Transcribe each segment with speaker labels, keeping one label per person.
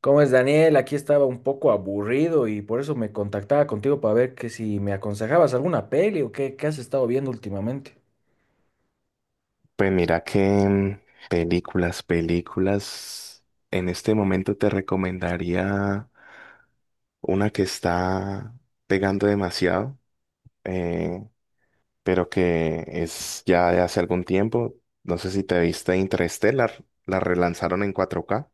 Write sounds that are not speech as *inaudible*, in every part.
Speaker 1: ¿Cómo es, Daniel? Aquí estaba un poco aburrido y por eso me contactaba contigo para ver que si me aconsejabas alguna peli o qué has estado viendo últimamente.
Speaker 2: Pues mira que películas, películas, en este momento te recomendaría una que está pegando demasiado, eh, pero que es ya de hace algún tiempo. No sé si te viste Interstellar, la relanzaron en 4K.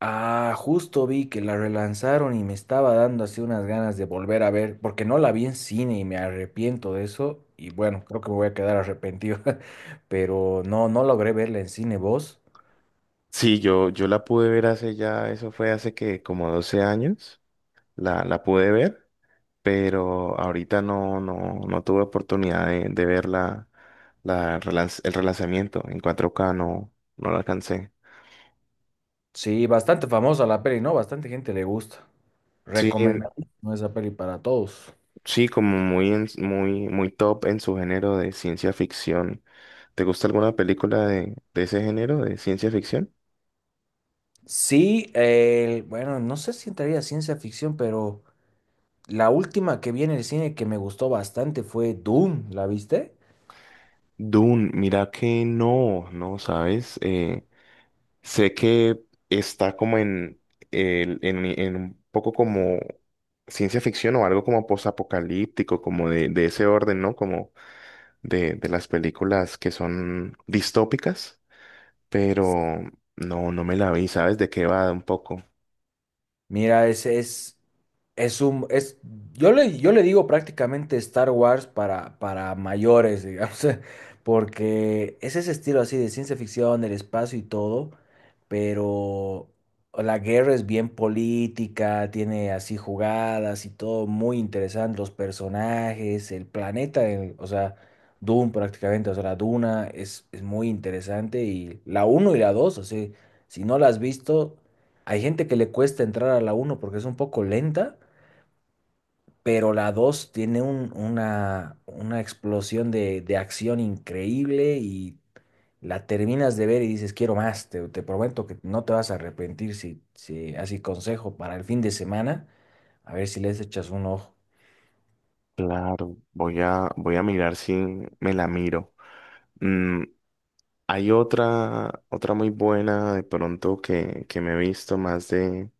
Speaker 1: Ah, justo vi que la relanzaron y me estaba dando así unas ganas de volver a ver, porque no la vi en cine y me arrepiento de eso. Y bueno, creo que me voy a quedar arrepentido, *laughs* pero no, no logré verla en cine. ¿Vos?
Speaker 2: Sí, yo la pude ver hace ya, eso fue hace que como 12 años, la pude ver. Pero ahorita no, no, no tuve oportunidad de ver el relanzamiento en 4K, no, no lo alcancé.
Speaker 1: Sí, bastante famosa la peli, ¿no? Bastante gente le gusta.
Speaker 2: Sí,
Speaker 1: Recomendadísima esa peli para todos.
Speaker 2: sí, como muy, muy top en su género de ciencia ficción. ¿Te gusta alguna película de ese género, de ciencia ficción?
Speaker 1: Sí, bueno, no sé si entraría a ciencia ficción, pero la última que vi en el cine que me gustó bastante fue Doom, ¿la viste?
Speaker 2: Dune, mira que no, no, ¿sabes? Sé que está como en un poco como ciencia ficción o algo como posapocalíptico, como de ese orden, ¿no? Como de las películas que son distópicas, pero no, no me la vi, ¿sabes de qué va un poco?
Speaker 1: Mira, es, yo le digo prácticamente Star Wars para mayores, digamos, *laughs* porque es ese estilo así de ciencia ficción, el espacio y todo, pero la guerra es bien política, tiene así jugadas y todo muy interesante, los personajes, el planeta, o sea, Dune prácticamente, o sea, la Duna es muy interesante y la uno y la dos, o sea, si no la has visto... Hay gente que le cuesta entrar a la uno porque es un poco lenta, pero la 2 tiene una explosión de acción increíble y la terminas de ver y dices, quiero más, te prometo que no te vas a arrepentir, si así consejo para el fin de semana, a ver si les echas un ojo.
Speaker 2: Claro, voy a mirar si me la miro. Mm, Hay otra muy buena de pronto que me he visto más de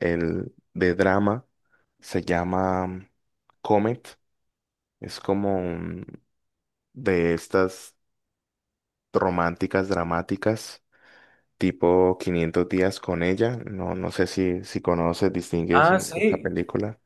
Speaker 2: el de drama, se llama Comet. Es como de estas románticas dramáticas, tipo 500 días con ella. No, no sé si conoces, distingues
Speaker 1: Ah,
Speaker 2: esta
Speaker 1: sí.
Speaker 2: película.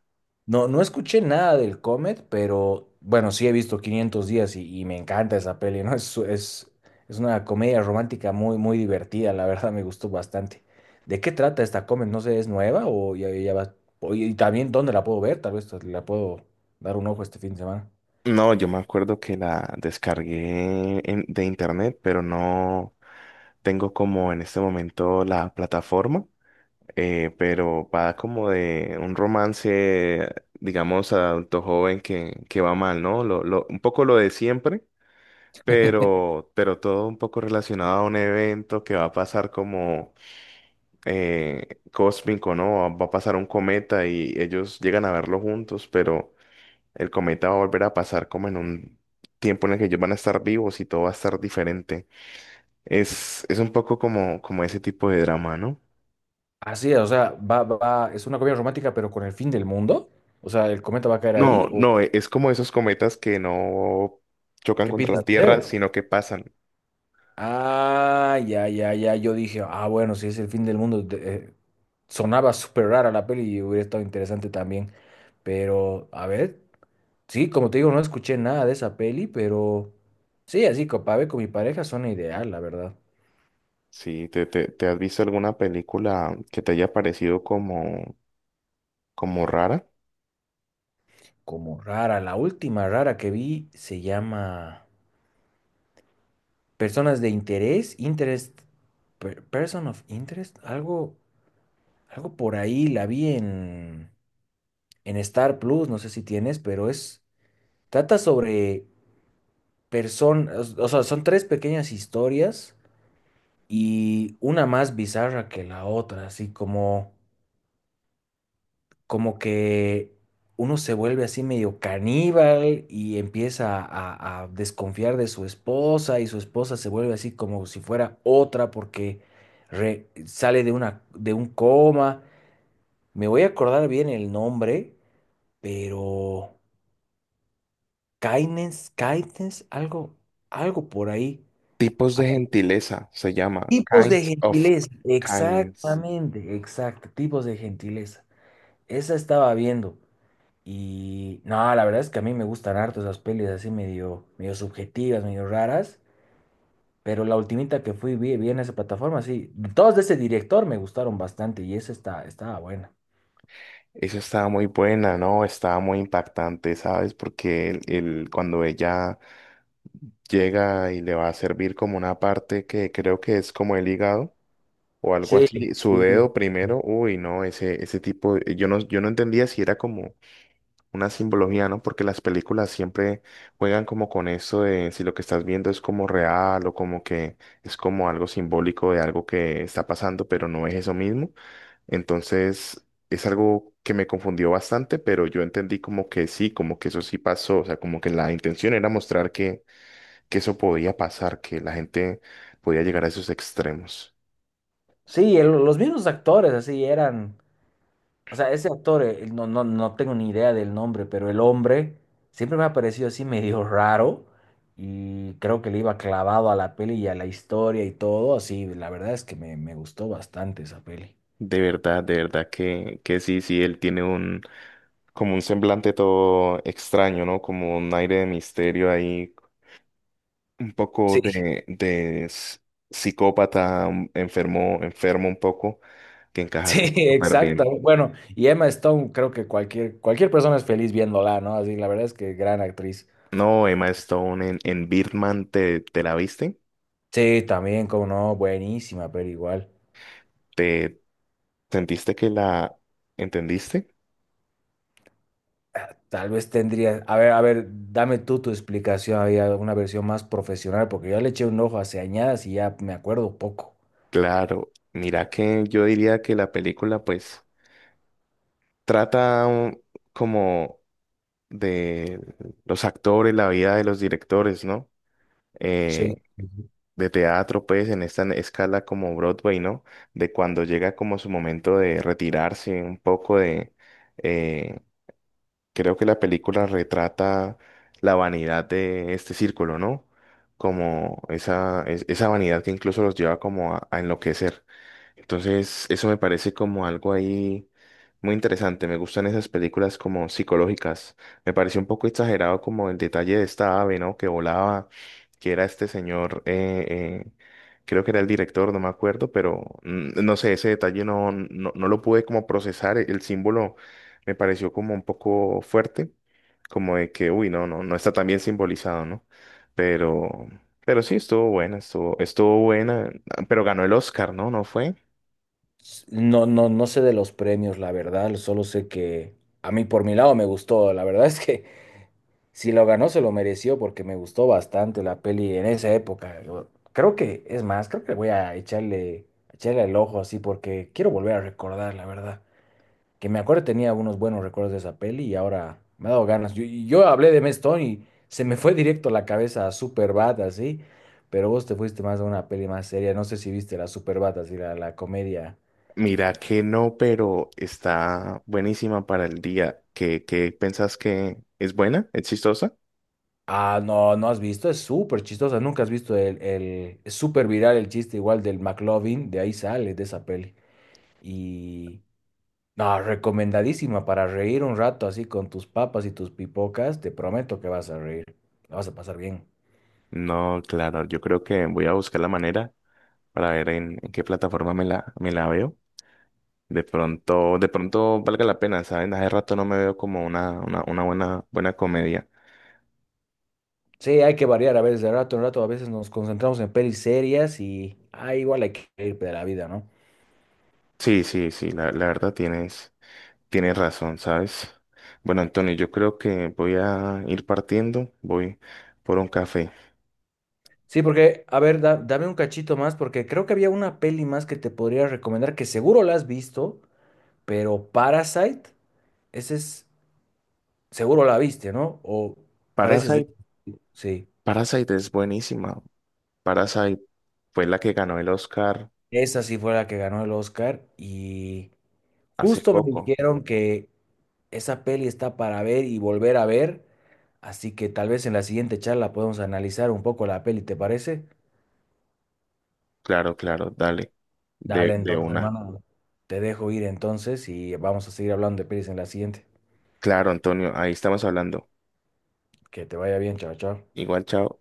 Speaker 1: No, no escuché nada del Comet, pero bueno, sí he visto 500 días y me encanta esa peli, ¿no? Es es una comedia romántica muy divertida, la verdad me gustó bastante. ¿De qué trata esta Comet? No sé, ¿es nueva o ya va? Y también, ¿dónde la puedo ver? Tal vez la puedo dar un ojo este fin de semana.
Speaker 2: No, yo me acuerdo que la descargué de internet, pero no tengo como en este momento la plataforma. Pero va como de un romance, digamos, adulto joven que va mal, ¿no? Un poco lo de siempre, pero todo un poco relacionado a un evento que va a pasar como cósmico, ¿no? Va a pasar un cometa y ellos llegan a verlo juntos, pero el cometa va a volver a pasar como en un tiempo en el que ellos van a estar vivos y todo va a estar diferente. Es un poco como ese tipo de drama, ¿no?
Speaker 1: Así es, o sea, es una comedia romántica, pero con el fin del mundo. O sea, ¿el cometa va a caer ahí
Speaker 2: No,
Speaker 1: o
Speaker 2: no, es como esos cometas que no chocan
Speaker 1: qué,
Speaker 2: contra la
Speaker 1: pides
Speaker 2: Tierra,
Speaker 1: deseo?
Speaker 2: sino que pasan.
Speaker 1: Ah, ya. Yo dije, ah, bueno, si es el fin del mundo, sonaba súper rara la peli y hubiera estado interesante también. Pero, a ver, sí, como te digo, no escuché nada de esa peli, pero sí, así para ver con mi pareja suena ideal, la verdad.
Speaker 2: Sí, ¿te has visto alguna película que te haya parecido como rara?
Speaker 1: Como rara, la última rara que vi se llama Personas de Interés, Interest, Person of Interest, algo por ahí, la vi en Star Plus, no sé si tienes, pero es, trata sobre personas, o sea, son tres pequeñas historias y una más bizarra que la otra, así como, como que uno se vuelve así medio caníbal y empieza a desconfiar de su esposa y su esposa se vuelve así como si fuera otra porque sale de una, de un coma. Me voy a acordar bien el nombre, pero Kindness, algo, algo por ahí.
Speaker 2: Tipos de gentileza se llama,
Speaker 1: Tipos de
Speaker 2: Kinds of
Speaker 1: gentileza,
Speaker 2: Kindness.
Speaker 1: exactamente, exacto, tipos de gentileza. Esa estaba viendo y no, la verdad es que a mí me gustan harto esas pelis así medio, medio subjetivas, medio raras, pero la ultimita que fui vi en esa plataforma, sí, todas de ese director me gustaron bastante y esa estaba buena.
Speaker 2: Esa estaba muy buena, ¿no? Estaba muy impactante, ¿sabes? Porque cuando ella llega y le va a servir como una parte que creo que es como el hígado, o algo
Speaker 1: Sí,
Speaker 2: así, su
Speaker 1: sí.
Speaker 2: dedo primero, uy, no, ese tipo, yo no entendía si era como una simbología, ¿no? Porque las películas siempre juegan como con eso de si lo que estás viendo es como real o como que es como algo simbólico de algo que está pasando, pero no es eso mismo. Entonces, es algo que me confundió bastante, pero yo entendí como que sí, como que eso sí pasó, o sea, como que la intención era mostrar que eso podía pasar, que la gente podía llegar a esos extremos.
Speaker 1: Sí, los mismos actores así eran. O sea, ese actor, no tengo ni idea del nombre, pero el hombre siempre me ha parecido así medio raro y creo que le iba clavado a la peli y a la historia y todo, así, la verdad es que me gustó bastante esa peli.
Speaker 2: De verdad que sí, sí, él tiene como un semblante todo extraño, ¿no? Como un aire de misterio ahí, un poco
Speaker 1: Sí,
Speaker 2: de psicópata, enfermo, enfermo un poco, que
Speaker 1: *laughs*
Speaker 2: encaja
Speaker 1: sí,
Speaker 2: como súper
Speaker 1: exacto.
Speaker 2: bien.
Speaker 1: Bueno, y Emma Stone, creo que cualquier persona es feliz viéndola, ¿no? Así, la verdad es que gran actriz.
Speaker 2: No, Emma Stone en Birdman, ¿te la viste?
Speaker 1: Sí, también, como no, buenísima, pero igual.
Speaker 2: ¿Te sentiste que la entendiste?
Speaker 1: Tal vez tendría, a ver, dame tú tu explicación, había una versión más profesional, porque yo le eché un ojo hace añadas y ya me acuerdo poco.
Speaker 2: Claro, mira que yo diría que la película pues trata como de los actores, la vida de los directores, ¿no?
Speaker 1: Sí.
Speaker 2: Eh, de teatro, pues, en esta escala como Broadway, ¿no? De cuando llega como su momento de retirarse un poco de, eh, creo que la película retrata la vanidad de este círculo, ¿no? Como esa vanidad que incluso los lleva como a enloquecer. Entonces, eso me parece como algo ahí muy interesante. Me gustan esas películas como psicológicas. Me pareció un poco exagerado como el detalle de esta ave, ¿no? Que volaba, que era este señor, eh, creo que era el director, no me acuerdo, pero no sé, ese detalle no, no, no lo pude como procesar. El símbolo me pareció como un poco fuerte, como de que, uy, no, no, no está tan bien simbolizado, ¿no? Pero, pero, sí, estuvo buena, estuvo buena, pero ganó el Oscar, ¿no? ¿No fue?
Speaker 1: No, no sé de los premios, la verdad, solo sé que a mí por mi lado me gustó, la verdad es que *laughs* si lo ganó se lo mereció porque me gustó bastante la peli en esa época. Yo creo que, es más, creo que voy a echarle el ojo así porque quiero volver a recordar, la verdad. Que me acuerdo tenía unos buenos recuerdos de esa peli y ahora me ha dado ganas. Yo hablé de Matt Stone y se me fue directo la cabeza a Superbad, así, pero vos te fuiste más a una peli más seria. No sé si viste la Superbad, así, la comedia.
Speaker 2: Mira que no, pero está buenísima para el día. ¿Qué pensás que es buena? ¿Es chistosa?
Speaker 1: Ah, no, no has visto, es súper chistosa. Nunca has visto el es súper viral el chiste igual del McLovin, de ahí sale, de esa peli. Y no, recomendadísima para reír un rato así con tus papas y tus pipocas. Te prometo que vas a reír, la vas a pasar bien.
Speaker 2: No, claro, yo creo que voy a buscar la manera para ver en qué plataforma me la veo. De pronto, valga la pena, ¿saben? Hace rato no me veo como una buena, buena comedia.
Speaker 1: Sí, hay que variar a veces de rato en rato, a veces nos concentramos en pelis serias y ah, igual hay que ir de la vida, ¿no?
Speaker 2: Sí, sí, sí, la verdad tienes razón, ¿sabes? Bueno, Antonio, yo creo que voy a ir partiendo, voy por un café.
Speaker 1: Sí, porque, a ver, dame un cachito más, porque creo que había una peli más que te podría recomendar, que seguro la has visto, pero Parasite, ese es, seguro la viste, ¿no? O pareces de...
Speaker 2: Parasite,
Speaker 1: Sí,
Speaker 2: Parasite es buenísima. Parasite fue la que ganó el Oscar
Speaker 1: esa sí fue la que ganó el Oscar y
Speaker 2: hace
Speaker 1: justo me
Speaker 2: poco.
Speaker 1: dijeron que esa peli está para ver y volver a ver, así que tal vez en la siguiente charla podemos analizar un poco la peli, ¿te parece?
Speaker 2: Claro, claro, dale, de,
Speaker 1: Dale
Speaker 2: de
Speaker 1: entonces,
Speaker 2: una.
Speaker 1: hermano. Te dejo ir entonces y vamos a seguir hablando de pelis en la siguiente.
Speaker 2: Claro, Antonio, ahí estamos hablando.
Speaker 1: Que te vaya bien, chao, chao.
Speaker 2: Igual, chao.